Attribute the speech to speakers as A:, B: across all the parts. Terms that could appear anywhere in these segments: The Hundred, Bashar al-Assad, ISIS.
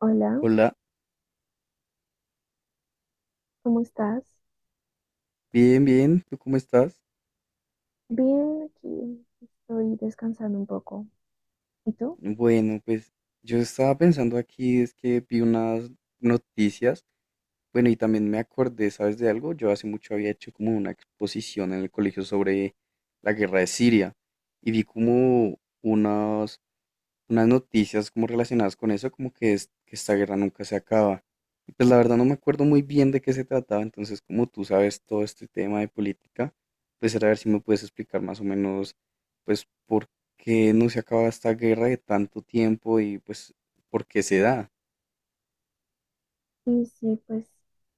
A: Hola,
B: Hola,
A: ¿cómo estás?
B: bien, bien, ¿tú cómo estás?
A: Bien, aquí estoy descansando un poco. ¿Y tú?
B: Bueno, pues yo estaba pensando aquí, es que vi unas noticias, bueno, y también me acordé, ¿sabes de algo? Yo hace mucho había hecho como una exposición en el colegio sobre la guerra de Siria y vi como unos unas noticias como relacionadas con eso, como que, es, que esta guerra nunca se acaba. Y pues la verdad no me acuerdo muy bien de qué se trataba, entonces como tú sabes todo este tema de política, pues era ver si me puedes explicar más o menos, pues por qué no se acaba esta guerra de tanto tiempo y pues por qué se da.
A: Sí, pues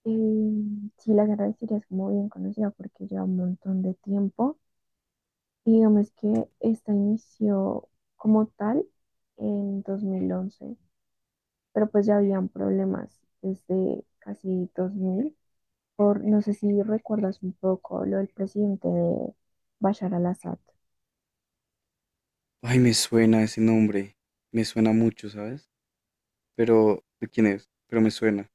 A: sí, la guerra de Siria es muy bien conocida porque lleva un montón de tiempo. Y digamos que esta inició como tal en 2011, pero pues ya habían problemas desde casi 2000. Por, no sé si recuerdas un poco lo del presidente de Bashar al-Assad.
B: Ay, me suena ese nombre, me suena mucho, ¿sabes? Pero, ¿de quién es? Pero me suena.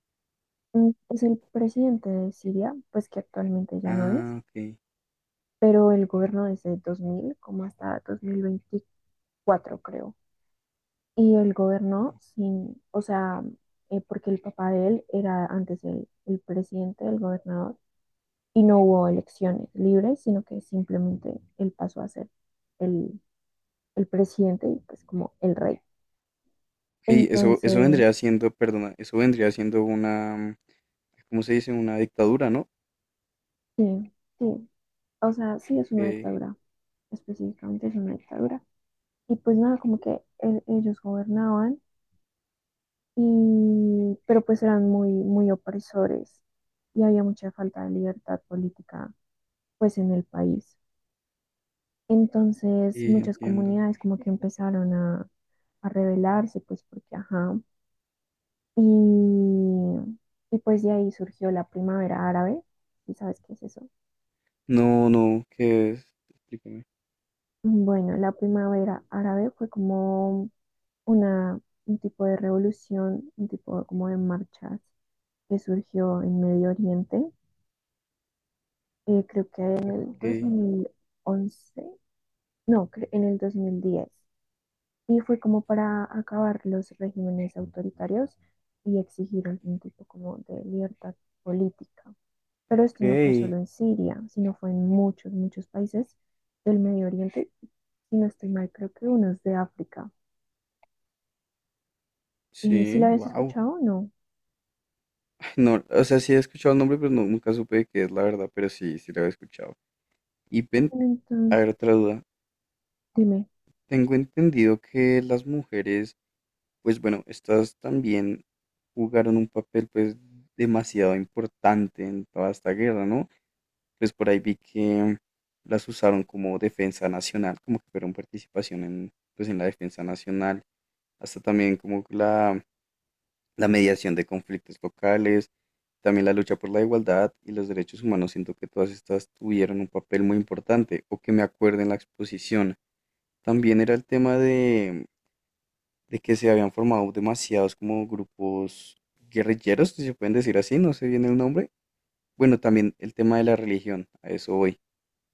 A: Es el presidente de Siria, pues que actualmente ya no
B: Ah,
A: es,
B: ok.
A: pero él gobernó desde 2000 como hasta 2024 creo. Y él gobernó sin, o sea, porque el papá de él era antes el presidente, el gobernador, y no hubo elecciones libres, sino que simplemente él pasó a ser el, el presidente y pues como el rey.
B: Hey, eso
A: Entonces,
B: vendría siendo, perdona, eso vendría siendo una, ¿cómo se dice? Una dictadura, ¿no?
A: sí, sí, o sea, sí es una
B: Ok,
A: dictadura, específicamente es una dictadura. Y pues nada, como que ellos gobernaban y, pero pues eran muy muy opresores y había mucha falta de libertad política pues en el país. Entonces
B: sí,
A: muchas
B: entiendo.
A: comunidades como que empezaron a rebelarse pues porque ajá. Y, y pues de ahí surgió la primavera árabe. ¿Y sabes qué es eso?
B: No, no, ¿qué es? Explícame.
A: Bueno, la primavera árabe fue como una, un tipo de revolución, un tipo como de marchas que surgió en Medio Oriente, creo que en el
B: Ok,
A: 2011 no, en el 2010. Y fue como para acabar los regímenes autoritarios y exigir algún tipo como de libertad política. Pero esto no fue
B: ok.
A: solo en Siria, sino fue en muchos, muchos países del Medio Oriente. Si no estoy mal, creo que unos de África. Si la
B: Sí,
A: habías
B: wow.
A: escuchado, no.
B: No, o sea, sí he escuchado el nombre, pero nunca supe de qué es la verdad, pero sí, sí lo había escuchado. Y ven,
A: Bueno,
B: a
A: entonces,
B: ver, otra duda.
A: dime.
B: Tengo entendido que las mujeres, pues bueno, estas también jugaron un papel pues demasiado importante en toda esta guerra, ¿no? Pues por ahí vi que las usaron como defensa nacional, como que fueron participación en, pues en la defensa nacional, hasta también como la mediación de conflictos locales, también la lucha por la igualdad y los derechos humanos, siento que todas estas tuvieron un papel muy importante, o que me acuerdo en la exposición. También era el tema de que se habían formado demasiados como grupos guerrilleros, si se pueden decir así, no sé bien el nombre. Bueno, también el tema de la religión, a eso voy,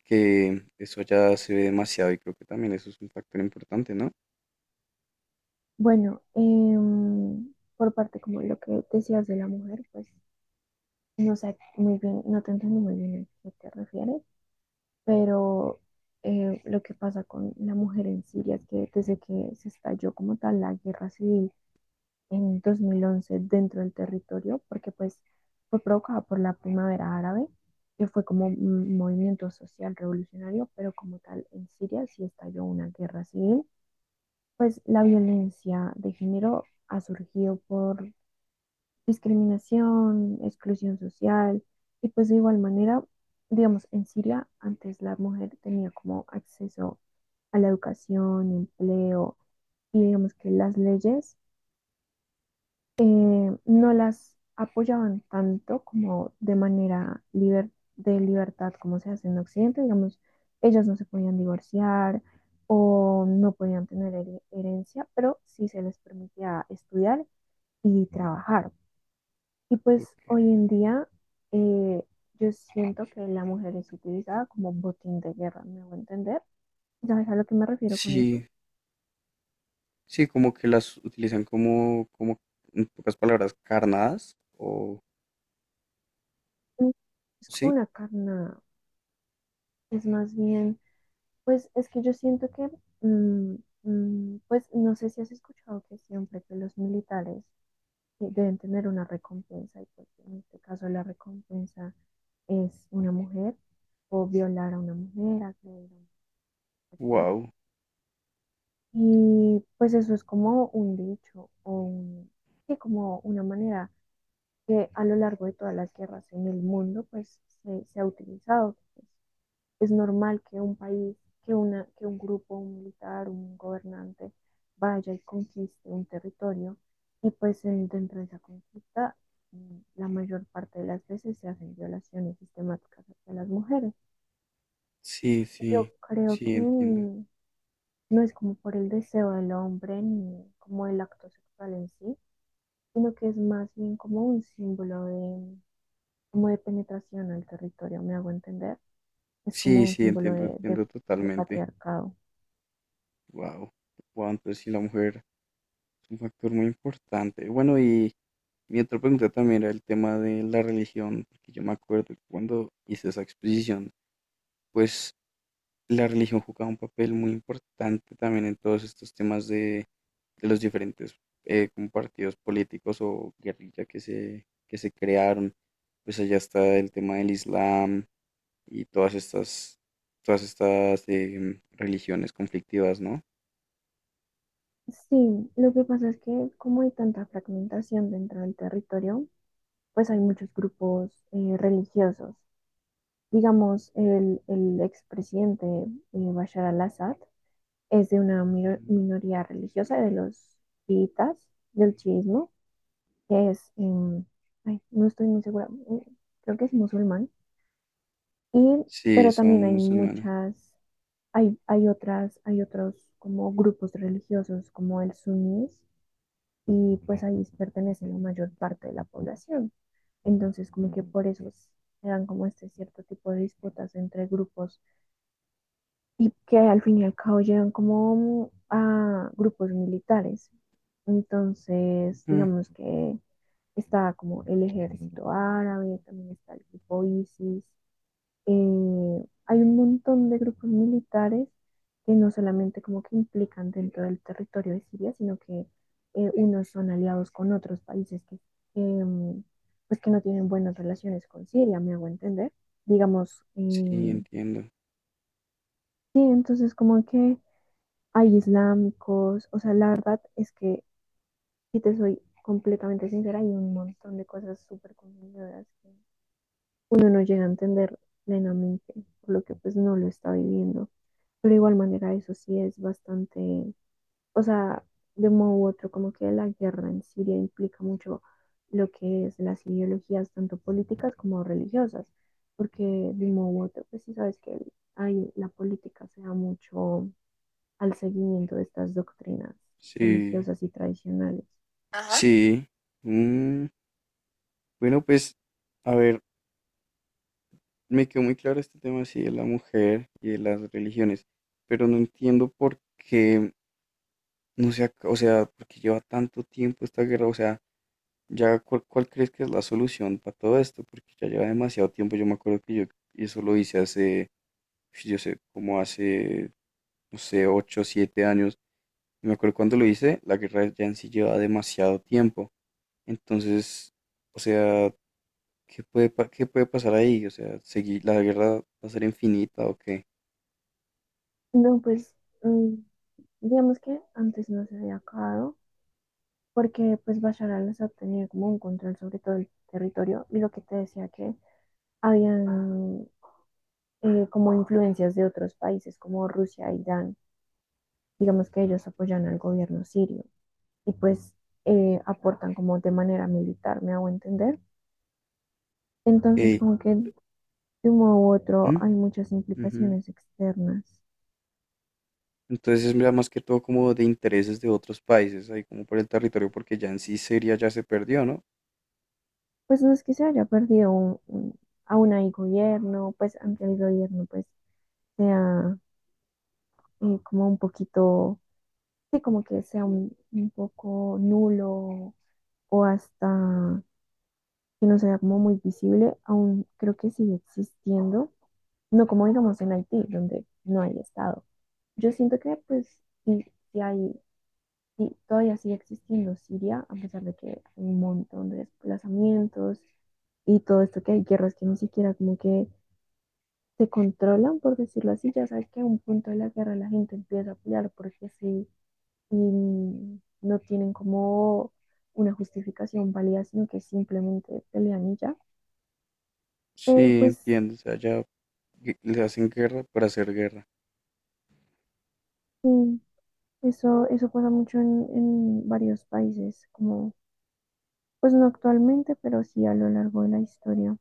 B: que eso ya se ve demasiado y creo que también eso es un factor importante, ¿no?
A: Bueno, por parte como lo que decías de la mujer, pues no sé muy bien, no te entiendo muy bien a qué te refieres, pero lo que pasa con la mujer en Siria es que desde que se estalló como tal la guerra civil en 2011 dentro del territorio, porque pues fue provocada por la primavera árabe, que fue como un movimiento social revolucionario, pero como tal en Siria sí estalló una guerra civil, pues la violencia de género ha surgido por discriminación, exclusión social, y pues de igual manera, digamos, en Siria antes la mujer tenía como acceso a la educación, empleo, y digamos que las leyes, no las apoyaban tanto como de manera de libertad como se hace en Occidente. Digamos, ellas no se podían divorciar o no podían tener herencia, pero sí se les permitía estudiar y trabajar. Y pues hoy
B: Ok.
A: en día, eh, yo siento que la mujer es utilizada como botín de guerra, me voy a entender. ¿Sabes a lo que me refiero con eso?
B: Sí, sí, como que las utilizan como, como, en pocas palabras, carnadas o
A: Mm. Es como
B: sí,
A: una carna, es más bien, pues es que yo siento que, mm, pues no sé si has escuchado que siempre que los militares, deben tener una recompensa y pues en este caso la recompensa es una mujer o violar a una mujer, agredir a una mujer.
B: wow,
A: Y pues eso es como un dicho, o sí, como una manera que a lo largo de todas las guerras en el mundo pues se ha utilizado. Pues, es normal que un país, que una, que un grupo, un militar, un gobernante vaya y conquiste un territorio y pues dentro de esa conquista, la mayor parte de las veces se hacen violaciones sistemáticas hacia las mujeres.
B: sí,
A: Yo creo
B: sí,
A: que
B: entiendo,
A: no es como por el deseo del hombre ni como el acto sexual en sí, sino que es más bien como un símbolo de, como de penetración al territorio, me hago entender. Es como
B: sí,
A: un
B: sí,
A: símbolo
B: entiendo, entiendo
A: de
B: totalmente,
A: patriarcado.
B: wow, wow, entonces sí, la mujer es un factor muy importante. Bueno, y mi otra pregunta también era el tema de la religión, porque yo me acuerdo que cuando hice esa exposición, pues la religión jugaba un papel muy importante también en todos estos temas de los diferentes como partidos políticos o guerrilla que se crearon. Pues allá está el tema del Islam y todas estas religiones conflictivas, ¿no?
A: Sí, lo que pasa es que como hay tanta fragmentación dentro del territorio, pues hay muchos grupos religiosos. Digamos, el expresidente, Bashar al-Assad es de una
B: Ujú.
A: minoría religiosa de los chiitas, del chiismo, que es, ay, no estoy muy segura, creo que es musulmán, y
B: Sí,
A: pero también
B: son
A: hay
B: musulmanes.
A: muchas, hay otras, hay otros como grupos religiosos como el suníes, y pues ahí pertenece la mayor parte de la población. Entonces, como que por eso se dan como este cierto tipo de disputas entre grupos y que al fin y al cabo llegan como a grupos militares. Entonces,
B: Mm,
A: digamos que está como el ejército árabe, también está el grupo ISIS. Hay un montón de grupos militares que no solamente como que implican dentro del territorio de Siria, sino que unos son aliados con otros países que, em, pues que no tienen buenas relaciones con Siria, me hago entender. Digamos,
B: sí, entiendo.
A: sí, entonces como que hay islámicos, o sea, la verdad es que, si te soy completamente sincera, hay un montón de cosas súper confundidoras que uno no llega a entender plenamente, por lo que pues no lo está viviendo. Pero de igual manera eso sí es bastante, o sea, de un modo u otro, como que la guerra en Siria implica mucho lo que es las ideologías tanto políticas como religiosas, porque de un modo u otro, pues sí sabes que hay, la política se da mucho al seguimiento de estas doctrinas
B: Sí,
A: religiosas y tradicionales.
B: ajá, sí. Mm, bueno, pues, a ver. Me quedó muy claro este tema, sí, de la mujer y de las religiones, pero no entiendo por qué, no sea o sea, por qué lleva tanto tiempo esta guerra, o sea, ya cuál, cuál crees que es la solución para todo esto, porque ya lleva demasiado tiempo, yo me acuerdo que yo eso lo hice hace, yo sé, como hace, no sé, 8 7 años, y me acuerdo cuando lo hice, la guerra ya en sí lleva demasiado tiempo, entonces, o sea, ¿qué puede, qué puede pasar ahí? O sea, seguir, ¿la guerra va a ser infinita o qué?
A: No, pues mm, digamos que antes no se había acabado porque pues Bashar al-Assad tenía como un control sobre todo el territorio y lo que te decía que habían, como influencias de otros países como Rusia, e Irán, digamos que ellos apoyan al gobierno sirio y pues aportan como de manera militar, me hago entender. Enttonces
B: Ok.
A: como que de un modo u otro
B: Mm,
A: hay muchas
B: ujú.
A: implicaciones externas.
B: Entonces es ya más que todo como de intereses de otros países, ahí como por el territorio, porque ya en sí Siria ya se perdió, ¿no?
A: Pues no es que se haya perdido aún hay gobierno, pues aunque el gobierno pues sea, como un poquito, sí, como que sea un poco nulo o hasta que no sea como muy visible, aún creo que sigue existiendo, no como digamos en Haití, donde no hay Estado. Yo siento que pues sí, sí hay, sí, todavía sigue existiendo Siria, a pesar de que hay un montón de desplazamientos y todo esto que hay guerras que ni siquiera como que se controlan, por decirlo así. Ya sabes que a un punto de la guerra la gente empieza a pelear porque sí, y no tienen como una justificación válida, sino que simplemente pelean y ya. Pero
B: Sí,
A: pues
B: entiendo, o sea, ya le hacen guerra para hacer guerra.
A: sí, eso pasa mucho en varios países, como, pues no actualmente, pero sí a lo largo de la historia.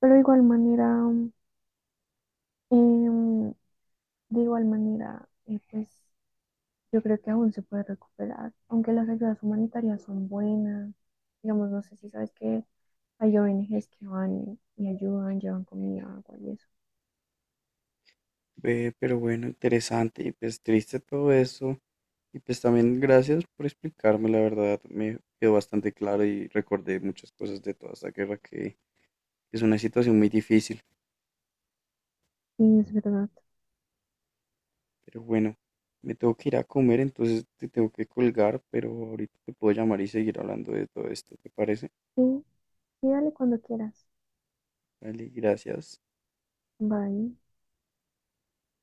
A: Pero de igual manera, em, de igual manera, pues yo creo que aún se puede recuperar, aunque las ayudas humanitarias son buenas. Digamos, no sé si sabes que hay ONGs que van y ayudan, llevan comida, agua y eso.
B: Ve, pero bueno, interesante y pues triste todo eso. Y pues también gracias por explicarme, la verdad, me quedó bastante claro y recordé muchas cosas de toda esta guerra que es una situación muy difícil.
A: Sí, es verdad.
B: Pero bueno, me tengo que ir a comer, entonces te tengo que colgar, pero ahorita te puedo llamar y seguir hablando de todo esto, ¿te parece?
A: Sí, sí, dale cuando quieras.
B: Vale, gracias.
A: Bye.